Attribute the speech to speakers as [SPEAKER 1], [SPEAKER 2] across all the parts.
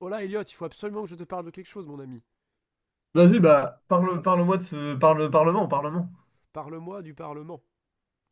[SPEAKER 1] Oh là, Elliot, il faut absolument que je te parle de quelque chose, mon ami.
[SPEAKER 2] Vas-y, bah, parlement, parlement.
[SPEAKER 1] Parle-moi du Parlement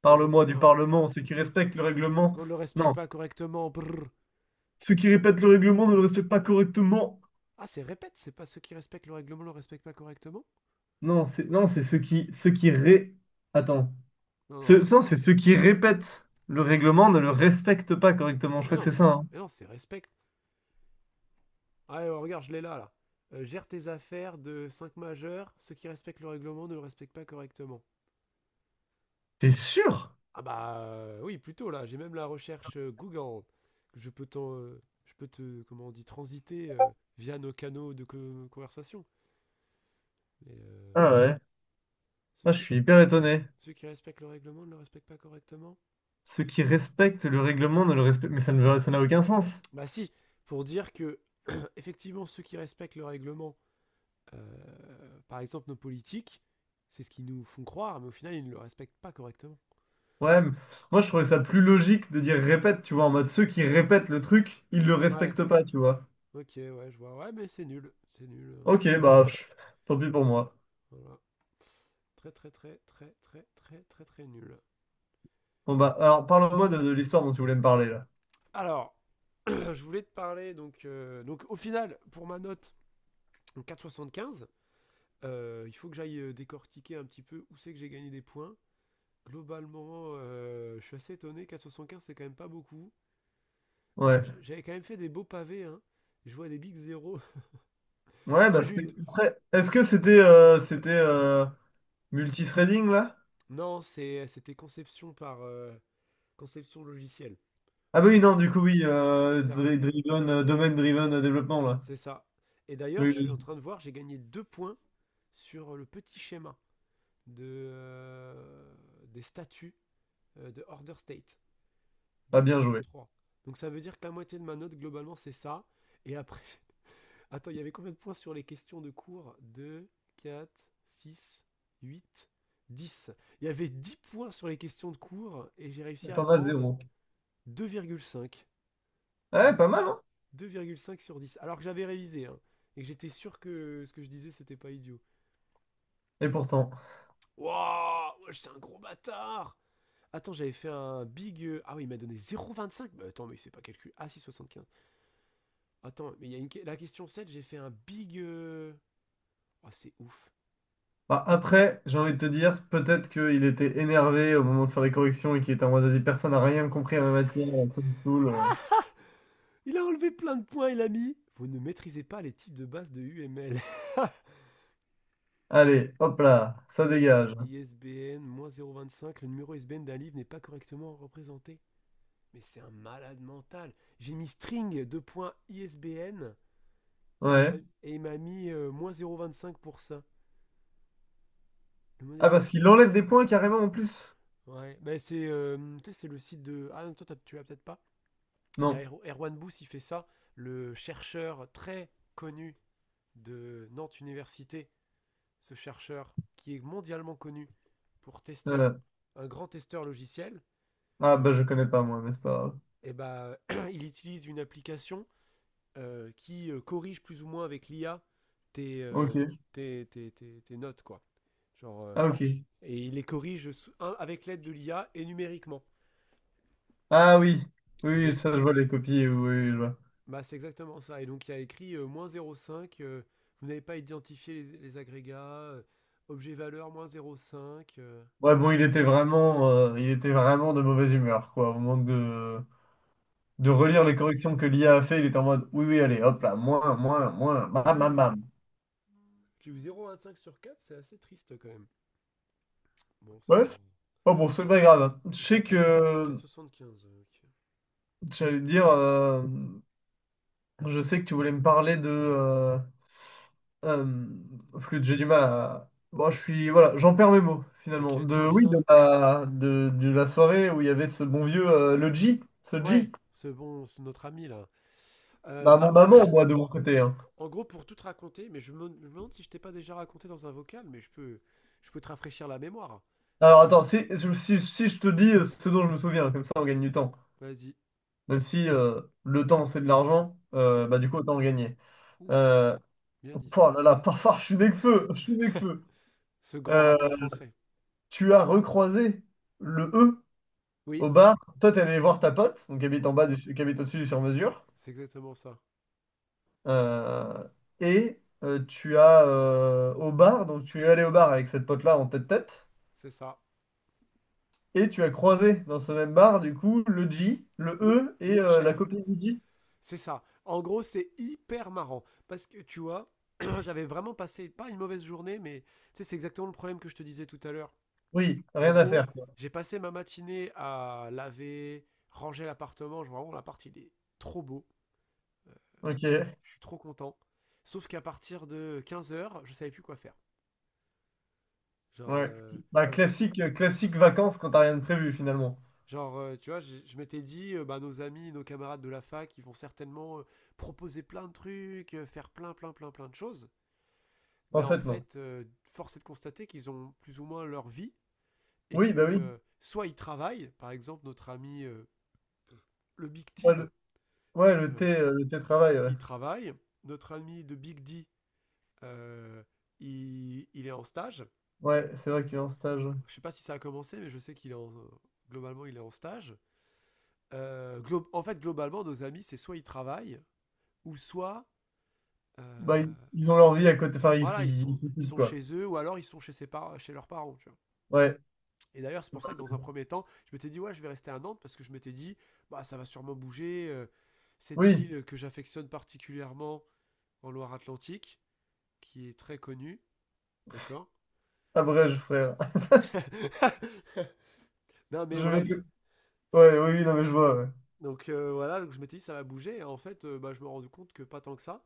[SPEAKER 2] Parle-moi du
[SPEAKER 1] européen.
[SPEAKER 2] parlement, ceux qui respectent le règlement.
[SPEAKER 1] On ne le respecte
[SPEAKER 2] Non,
[SPEAKER 1] pas correctement. Brrr.
[SPEAKER 2] ceux qui répètent le règlement ne le respectent pas correctement.
[SPEAKER 1] Ah, c'est répète, c'est pas ceux qui respectent le règlement le respectent pas correctement.
[SPEAKER 2] Non, c'est non, c'est ceux qui Attends.
[SPEAKER 1] Non, non,
[SPEAKER 2] Ça, c'est ceux
[SPEAKER 1] attends.
[SPEAKER 2] qui répètent le règlement ne le respectent pas correctement. Je
[SPEAKER 1] Mais
[SPEAKER 2] crois que
[SPEAKER 1] non,
[SPEAKER 2] c'est ça.
[SPEAKER 1] c'est,
[SPEAKER 2] Hein.
[SPEAKER 1] mais non, c'est respect. Allez, oh, regarde, je l'ai là, là. Gère tes affaires de 5 majeurs, ceux qui respectent le règlement ne le respectent pas correctement.
[SPEAKER 2] T'es sûr?
[SPEAKER 1] Ah bah oui, plutôt là, j'ai même la recherche Google, que je peux te, comment on dit, transiter via nos canaux de conversation. Mais,
[SPEAKER 2] Ah ouais.
[SPEAKER 1] ceux
[SPEAKER 2] Ah, je
[SPEAKER 1] qui...
[SPEAKER 2] suis hyper étonné.
[SPEAKER 1] Ceux qui respectent le règlement ne le respectent pas correctement.
[SPEAKER 2] Ceux qui respectent le règlement ne le respectent... Mais ça ne veut- ça n'a aucun sens.
[SPEAKER 1] Bah si, pour dire que, effectivement, ceux qui respectent le règlement, par exemple nos politiques, c'est ce qu'ils nous font croire, mais au final, ils ne le respectent pas correctement.
[SPEAKER 2] Ouais, mais moi je trouvais ça plus logique de dire répète, tu vois, en mode ceux qui répètent le truc, ils le
[SPEAKER 1] Ouais,
[SPEAKER 2] respectent pas, tu vois.
[SPEAKER 1] ok, ouais, je vois. Ouais, mais c'est nul. C'est nul, hein, ce que
[SPEAKER 2] Ok,
[SPEAKER 1] tu-
[SPEAKER 2] bah, pff, tant pis pour moi.
[SPEAKER 1] Voilà. Très, très, très, très, très, très, très, très nul.
[SPEAKER 2] Bon, bah, alors, parle-moi de l'histoire dont tu voulais me parler, là.
[SPEAKER 1] Alors, je voulais te parler, donc au final, pour ma note, donc 4,75, il faut que j'aille décortiquer un petit peu où c'est que j'ai gagné des points. Globalement, je suis assez étonné. 4,75, c'est quand même pas beaucoup. Euh,
[SPEAKER 2] Ouais.
[SPEAKER 1] j- J'avais quand même fait des beaux pavés. Hein. Je vois des big zéro.
[SPEAKER 2] Ouais,
[SPEAKER 1] Oh,
[SPEAKER 2] bah,
[SPEAKER 1] j'ai eu une-
[SPEAKER 2] Après, est-ce que c'était multithreading, là?
[SPEAKER 1] Non, c'était conception par conception logicielle.
[SPEAKER 2] Ah bah oui,
[SPEAKER 1] C'était
[SPEAKER 2] non, du coup, oui,
[SPEAKER 1] faire-
[SPEAKER 2] driven, domaine driven développement, là.
[SPEAKER 1] C'est ça. Et d'ailleurs,
[SPEAKER 2] Oui,
[SPEAKER 1] je suis en
[SPEAKER 2] oui,
[SPEAKER 1] train de voir, j'ai gagné 2 points sur le petit schéma de, euh, des statuts de Order State. Deux
[SPEAKER 2] pas
[SPEAKER 1] points
[SPEAKER 2] bien
[SPEAKER 1] sur
[SPEAKER 2] joué.
[SPEAKER 1] trois. Donc ça veut dire que la moitié de ma note, globalement, c'est ça. Et après, attends, il y avait combien de points sur les questions de cours. 2, 4, 6, 8, 10. Il y avait 10 points sur les questions de cours et j'ai réussi à
[SPEAKER 2] T'en as
[SPEAKER 1] prendre
[SPEAKER 2] zéro.
[SPEAKER 1] 2,5.
[SPEAKER 2] Ouais,
[SPEAKER 1] Les-
[SPEAKER 2] pas mal, hein?
[SPEAKER 1] Deux virgule cinq sur 10. Alors que j'avais révisé, hein, et que j'étais sûr que ce que je disais, c'était pas idiot.
[SPEAKER 2] Et pourtant.
[SPEAKER 1] Wouah ouais, j'étais un gros bâtard. Attends, j'avais fait un big... Ah oui, il m'a donné 0,25. Bah attends, mais c'est pas calcul. Ah, 6,75. Attends, mais il y a la question 7, j'ai fait un big... Oh, c'est ouf.
[SPEAKER 2] Bah, après, j'ai envie de te dire, peut-être qu'il était énervé au moment de faire les corrections et qu'il était en mode, vas-y, personne n'a rien compris à ma matière, ça me saoule.
[SPEAKER 1] Il a enlevé plein de points, il a mis. Vous ne maîtrisez pas les types de base de UML.
[SPEAKER 2] Allez, hop là, ça dégage.
[SPEAKER 1] 0,25. Le numéro ISBN d'un livre n'est pas correctement représenté. Mais c'est un malade mental. J'ai mis string de points ISBN et il m'a-
[SPEAKER 2] Ouais.
[SPEAKER 1] et il m'a mis cinq pour ça. La
[SPEAKER 2] Ah, parce
[SPEAKER 1] modélisation.
[SPEAKER 2] qu'il enlève des points carrément en plus.
[SPEAKER 1] Ouais, bah c'est tu sais, c'est le site de. Ah non, toi tu l'as peut-être pas. Il y a
[SPEAKER 2] Non.
[SPEAKER 1] Erwan Bous, il fait ça, le chercheur très connu de Nantes Université, ce chercheur qui est mondialement connu pour testeur,
[SPEAKER 2] Euh,
[SPEAKER 1] un grand testeur logiciel,
[SPEAKER 2] Ah,
[SPEAKER 1] tu...
[SPEAKER 2] bah je connais pas moi, mais c'est pas grave.
[SPEAKER 1] Eh ben, il utilise une application qui corrige plus ou moins avec l'IA tes, euh,
[SPEAKER 2] Ok.
[SPEAKER 1] tes notes, quoi. Genre,
[SPEAKER 2] Ah, ok.
[SPEAKER 1] et il les corrige un, avec l'aide de l'IA et numériquement.
[SPEAKER 2] Ah oui. Oui,
[SPEAKER 1] Et
[SPEAKER 2] oui,
[SPEAKER 1] donc,
[SPEAKER 2] ça, je vois les copies. Oui, oui, je vois.
[SPEAKER 1] bah, c'est exactement ça. Et donc, il y a écrit moins 0,5, vous n'avez pas identifié les agrégats, objet valeur moins 0,5.
[SPEAKER 2] Ouais, bon, il était vraiment de mauvaise humeur, quoi. Au moment de
[SPEAKER 1] Ah,
[SPEAKER 2] relire les corrections que l'IA a fait, il était en mode, oui, oui, allez, hop là, moins, moins, moins, bam, bam,
[SPEAKER 1] ouais,
[SPEAKER 2] bam.
[SPEAKER 1] j'ai eu 0,25 sur 4, c'est assez triste quand même. Bon, c'est pas.
[SPEAKER 2] Bref. Oh bon, c'est pas grave. Hein.
[SPEAKER 1] Donc ça fait 4,75. euh,
[SPEAKER 2] J'allais te dire, je sais que tu voulais me parler de, Euh, flûte, j'ai du mal à. Bon, je suis. Voilà, j'en perds mes mots,
[SPEAKER 1] ok.
[SPEAKER 2] finalement.
[SPEAKER 1] Ok, très bien.
[SPEAKER 2] Oui, de la soirée où il y avait ce bon vieux, ce
[SPEAKER 1] Ouais,
[SPEAKER 2] G.
[SPEAKER 1] c'est bon, c'est notre ami là.
[SPEAKER 2] Bah,
[SPEAKER 1] Bah,
[SPEAKER 2] mon maman, moi, de mon côté. Hein.
[SPEAKER 1] en gros, pour tout te raconter, mais je me demande si je t'ai pas déjà raconté dans un vocal, mais je peux te rafraîchir la mémoire.
[SPEAKER 2] Alors, attends,
[SPEAKER 1] Si.
[SPEAKER 2] si je te dis ce dont je me souviens, comme ça, on gagne du temps.
[SPEAKER 1] Vas-y.
[SPEAKER 2] Même si le temps, c'est de l'argent,
[SPEAKER 1] Bien.
[SPEAKER 2] bah, du coup, autant en gagner.
[SPEAKER 1] Ouf,
[SPEAKER 2] Euh,
[SPEAKER 1] bien dit ça.
[SPEAKER 2] oh là là, parfois, je suis né que feu, je suis né que feu.
[SPEAKER 1] Ce grand
[SPEAKER 2] Euh,
[SPEAKER 1] rappeur français.
[SPEAKER 2] Tu as recroisé le E
[SPEAKER 1] Oui,
[SPEAKER 2] au bar. Toi, t'es allé voir ta pote, donc, qui habite qui habite au-dessus du sur-mesure.
[SPEAKER 1] c'est exactement ça.
[SPEAKER 2] Euh, et tu as au bar, donc tu es allé au bar avec cette pote-là en tête-tête,
[SPEAKER 1] C'est ça.
[SPEAKER 2] et tu as croisé dans ce même bar, du coup, le J, le
[SPEAKER 1] Lou,
[SPEAKER 2] E et
[SPEAKER 1] Lou
[SPEAKER 2] la
[SPEAKER 1] Cher.
[SPEAKER 2] copine du J.
[SPEAKER 1] C'est ça. En gros, c'est hyper marrant. Parce que tu vois, j'avais vraiment passé, pas une mauvaise journée, mais tu sais, c'est exactement le problème que je te disais tout à l'heure.
[SPEAKER 2] Oui,
[SPEAKER 1] En
[SPEAKER 2] rien à
[SPEAKER 1] gros,
[SPEAKER 2] faire, quoi.
[SPEAKER 1] j'ai passé ma matinée à laver, ranger l'appartement. Vraiment, l'appart, il est trop beau. Euh,
[SPEAKER 2] Ok,
[SPEAKER 1] je suis trop content. Sauf qu'à partir de 15 heures, je savais plus quoi faire. Genre,
[SPEAKER 2] ouais.
[SPEAKER 1] euh,
[SPEAKER 2] Bah,
[SPEAKER 1] genre, tu,
[SPEAKER 2] classique vacances quand t'as rien de prévu finalement.
[SPEAKER 1] tu vois, je m'étais dit, bah, nos amis, nos camarades de la fac, ils vont certainement proposer plein de trucs, faire plein, plein, plein, plein de choses. Mais
[SPEAKER 2] En
[SPEAKER 1] en
[SPEAKER 2] fait, non.
[SPEAKER 1] fait, force est de constater qu'ils ont plus ou moins leur vie et
[SPEAKER 2] Oui,
[SPEAKER 1] que
[SPEAKER 2] bah oui.
[SPEAKER 1] soit ils travaillent, par exemple notre ami le Big
[SPEAKER 2] Ouais,
[SPEAKER 1] Team,
[SPEAKER 2] ouais, le thé,
[SPEAKER 1] euh,
[SPEAKER 2] euh, le thé travail, ouais.
[SPEAKER 1] il travaille, notre ami de Big D, euh, il est en stage.
[SPEAKER 2] Ouais, c'est vrai qu'il est en stage.
[SPEAKER 1] Je sais pas si ça a commencé, mais je sais qu'il est en, globalement il est en stage. En fait, globalement, nos amis, c'est soit ils travaillent, ou soit
[SPEAKER 2] Bah,
[SPEAKER 1] euh,
[SPEAKER 2] ils ont leur vie à côté, enfin, ils,
[SPEAKER 1] voilà,
[SPEAKER 2] ils, ils
[SPEAKER 1] ils
[SPEAKER 2] foutent,
[SPEAKER 1] sont
[SPEAKER 2] quoi.
[SPEAKER 1] chez eux, ou alors ils sont chez leurs parents. Tu vois.
[SPEAKER 2] Ouais,
[SPEAKER 1] Et d'ailleurs, c'est pour ça que dans un premier temps, je m'étais dit, ouais, je vais rester à Nantes parce que je m'étais dit, bah, ça va sûrement bouger. Cette
[SPEAKER 2] oui,
[SPEAKER 1] ville que j'affectionne particulièrement en Loire-Atlantique, qui est très connue, d'accord.
[SPEAKER 2] abrège, frère.
[SPEAKER 1] Non, mais
[SPEAKER 2] Je vais
[SPEAKER 1] bref.
[SPEAKER 2] te- Ouais, oui, oui, non, mais je vois, ouais.
[SPEAKER 1] Donc voilà, donc je m'étais dit, ça va bouger. Et en fait, bah, je me rends compte que pas tant que ça.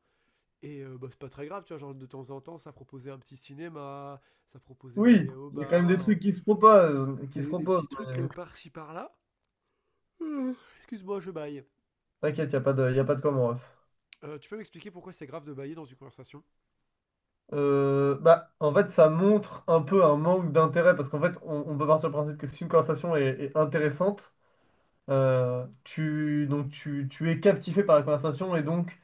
[SPEAKER 1] Et bah, c'est pas très grave, tu vois. Genre, de temps en temps, ça proposait un petit cinéma, ça proposait
[SPEAKER 2] Oui,
[SPEAKER 1] d'aller au
[SPEAKER 2] il y a quand même des
[SPEAKER 1] bar,
[SPEAKER 2] trucs qui se
[SPEAKER 1] des
[SPEAKER 2] proposent,
[SPEAKER 1] petits trucs
[SPEAKER 2] mais
[SPEAKER 1] par-ci par-là. Excuse-moi, je baille.
[SPEAKER 2] t'inquiète, il n'y a pas de, y a pas de comment, ref.
[SPEAKER 1] Tu peux m'expliquer pourquoi c'est grave de bailler dans une conversation?
[SPEAKER 2] Bah, en fait, ça montre un peu un manque d'intérêt, parce qu'en fait, on peut partir du principe que si une conversation est, est intéressante, donc tu es captivé par la conversation, et donc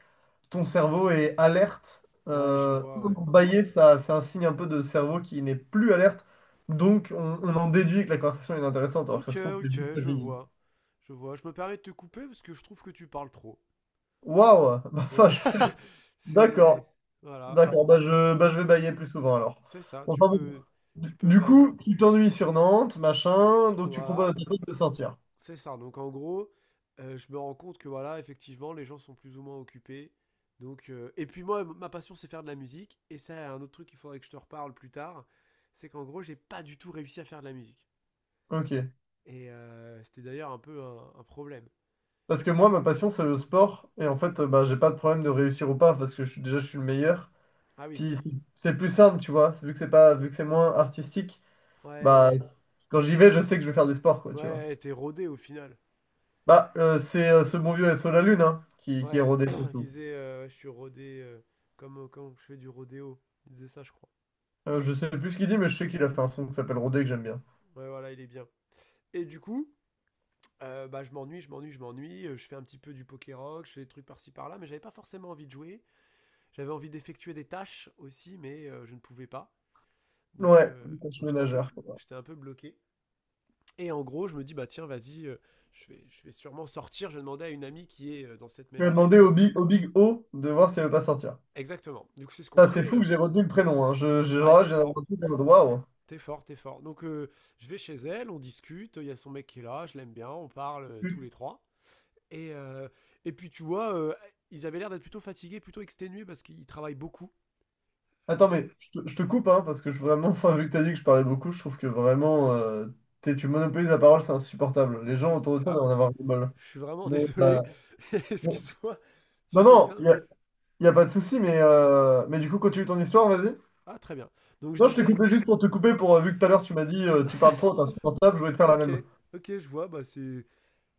[SPEAKER 2] ton cerveau est alerte.
[SPEAKER 1] Ouais, je vois, ouais.
[SPEAKER 2] Bailler, ça, c'est un signe un peu de cerveau qui n'est plus alerte, donc on en déduit que la conversation est intéressante, alors que ça
[SPEAKER 1] Ok,
[SPEAKER 2] se trouve, c'est juste
[SPEAKER 1] ok, je
[SPEAKER 2] fatigué.
[SPEAKER 1] vois. Je vois. Je me permets de te couper parce que je trouve que tu parles trop.
[SPEAKER 2] Waouh! Bah, enfin.
[SPEAKER 1] Voilà.
[SPEAKER 2] D'accord.
[SPEAKER 1] C'est. Voilà.
[SPEAKER 2] D'accord, bah je vais bailler plus souvent alors.
[SPEAKER 1] Fais ça. Tu
[SPEAKER 2] Enfin bon.
[SPEAKER 1] peux.
[SPEAKER 2] Du,
[SPEAKER 1] Tu peux
[SPEAKER 2] du
[SPEAKER 1] bailler.
[SPEAKER 2] coup, tu t'ennuies sur Nantes, machin, donc tu proposes à
[SPEAKER 1] Voilà.
[SPEAKER 2] tes potes de sortir.
[SPEAKER 1] C'est ça. Donc en gros, je me rends compte que voilà, effectivement, les gens sont plus ou moins occupés. Donc, et puis moi, ma passion, c'est faire de la musique. Et ça, un autre truc qu'il faudrait que je te reparle plus tard, c'est qu'en gros, j'ai pas du tout réussi à faire de la musique.
[SPEAKER 2] Ok.
[SPEAKER 1] Et c'était d'ailleurs un peu un problème.
[SPEAKER 2] Parce que moi, ma passion, c'est le sport. Et en fait, bah, j'ai pas de problème de réussir ou pas, parce que je suis, déjà, je suis le meilleur.
[SPEAKER 1] Ah oui,
[SPEAKER 2] Puis c'est plus simple, tu vois. Vu que c'est pas, vu que c'est moins artistique,
[SPEAKER 1] ouais. Ouais,
[SPEAKER 2] bah
[SPEAKER 1] ouais.
[SPEAKER 2] quand j'y vais, je sais que je vais faire du sport, quoi, tu vois.
[SPEAKER 1] Ouais, t'es rodé au final.
[SPEAKER 2] Bah, c'est ce bon vieux SO La Lune, hein, qui est
[SPEAKER 1] Ouais,
[SPEAKER 2] rodé
[SPEAKER 1] il
[SPEAKER 2] surtout.
[SPEAKER 1] disait je suis rodé comme quand je fais du rodéo. Il disait ça, je crois.
[SPEAKER 2] Je sais plus ce qu'il dit, mais je sais qu'il a fait un son qui s'appelle Rodé que j'aime bien.
[SPEAKER 1] Ouais, voilà, il est bien. Et du coup, bah, je m'ennuie, je m'ennuie, je m'ennuie. Je fais un petit peu du poké rock, je fais des trucs par-ci par-là, mais j'avais pas forcément envie de jouer. J'avais envie d'effectuer des tâches aussi, mais je ne pouvais pas. Donc,
[SPEAKER 2] Ouais,
[SPEAKER 1] euh,
[SPEAKER 2] tâche
[SPEAKER 1] donc j'étais un peu,
[SPEAKER 2] ménagère.
[SPEAKER 1] bl- j'étais un peu bloqué. Et en gros, je me dis bah tiens, vas-y, je vais sûrement sortir. Je demandais à une amie qui est dans cette
[SPEAKER 2] Tu
[SPEAKER 1] même
[SPEAKER 2] vas
[SPEAKER 1] ville.
[SPEAKER 2] demander au Big O de voir s'il ne veut pas sortir.
[SPEAKER 1] Exactement. Du coup, c'est ce qu'on
[SPEAKER 2] Ça, c'est
[SPEAKER 1] fait.
[SPEAKER 2] fou que j'ai retenu le prénom. Hein. Je,
[SPEAKER 1] Ouais,
[SPEAKER 2] genre là,
[SPEAKER 1] t'es
[SPEAKER 2] j'ai un
[SPEAKER 1] fort.
[SPEAKER 2] truc, waouh.
[SPEAKER 1] T'es fort, t'es fort. Donc je vais chez elle, on discute, il y a son mec qui est là, je l'aime bien, on parle tous les
[SPEAKER 2] Put-
[SPEAKER 1] trois. Et et puis tu vois, ils avaient l'air d'être plutôt fatigués, plutôt exténués parce qu'ils travaillent beaucoup.
[SPEAKER 2] Attends,
[SPEAKER 1] Euh,
[SPEAKER 2] mais je te coupe, hein, parce que je, vraiment, enfin, vu que tu as dit que je parlais beaucoup, je trouve que vraiment, tu monopolises la parole, c'est insupportable. Les
[SPEAKER 1] je
[SPEAKER 2] gens
[SPEAKER 1] suis...
[SPEAKER 2] autour de toi
[SPEAKER 1] Ah,
[SPEAKER 2] doivent en avoir du mal.
[SPEAKER 1] je suis vraiment
[SPEAKER 2] Mais,
[SPEAKER 1] désolé.
[SPEAKER 2] bon.
[SPEAKER 1] Excuse-moi, tu
[SPEAKER 2] Non,
[SPEAKER 1] fais
[SPEAKER 2] non,
[SPEAKER 1] bien.
[SPEAKER 2] y a pas de souci, mais du coup, continue ton histoire, vas-y.
[SPEAKER 1] Ah, très bien. Donc je
[SPEAKER 2] Non, je t'ai
[SPEAKER 1] disais,
[SPEAKER 2] coupé juste pour te couper, vu que tout à l'heure, tu m'as dit, tu parles trop, t'es insupportable, je voulais te faire la
[SPEAKER 1] ok,
[SPEAKER 2] même.
[SPEAKER 1] ok, je vois, bah c'est...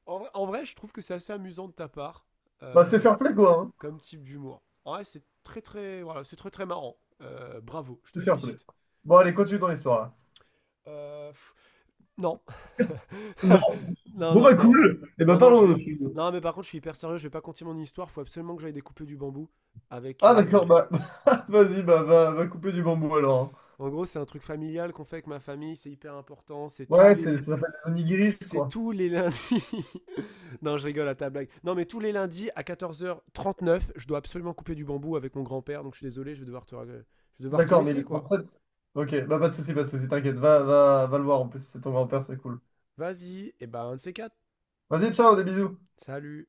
[SPEAKER 1] En vrai, je trouve que c'est assez amusant de ta part,
[SPEAKER 2] Bah, c'est
[SPEAKER 1] euh,
[SPEAKER 2] fair play, quoi. Hein.
[SPEAKER 1] comme type d'humour. En vrai, c'est très très... Voilà, c'est très très marrant. Bravo, je te
[SPEAKER 2] C'est fair play.
[SPEAKER 1] félicite.
[SPEAKER 2] Bon, allez, continue ton histoire, là.
[SPEAKER 1] Euh, pff, Non.
[SPEAKER 2] Non.
[SPEAKER 1] Non,
[SPEAKER 2] Bon
[SPEAKER 1] non,
[SPEAKER 2] bah
[SPEAKER 1] non.
[SPEAKER 2] cool. Et bah
[SPEAKER 1] Non, non, je
[SPEAKER 2] parlons de
[SPEAKER 1] vais.
[SPEAKER 2] film.
[SPEAKER 1] Non, mais par contre, je suis hyper sérieux, je vais pas continuer mon histoire. Faut absolument que j'aille découper du bambou. Avec.
[SPEAKER 2] Ah d'accord, bah vas-y, bah va couper du bambou alors.
[SPEAKER 1] En gros, c'est un truc familial qu'on fait avec ma famille, c'est hyper important. C'est
[SPEAKER 2] Hein.
[SPEAKER 1] tous
[SPEAKER 2] Ouais, ça
[SPEAKER 1] les.
[SPEAKER 2] s'appelle les onigiris,
[SPEAKER 1] C'est
[SPEAKER 2] quoi.
[SPEAKER 1] tous les lundis. Non, je rigole à ta blague. Non, mais tous les lundis à 14h39, je dois absolument couper du bambou avec mon grand-père. Donc, je suis désolé, je vais devoir te
[SPEAKER 2] D'accord, mais il
[SPEAKER 1] laisser,
[SPEAKER 2] est
[SPEAKER 1] quoi.
[SPEAKER 2] 37. Ok, bah pas de soucis, pas de soucis, t'inquiète, va, va, va le voir en plus, c'est ton grand-père, c'est cool.
[SPEAKER 1] Vas-y, et ben, un de ces quatre.
[SPEAKER 2] Vas-y, ciao, des bisous.
[SPEAKER 1] Salut.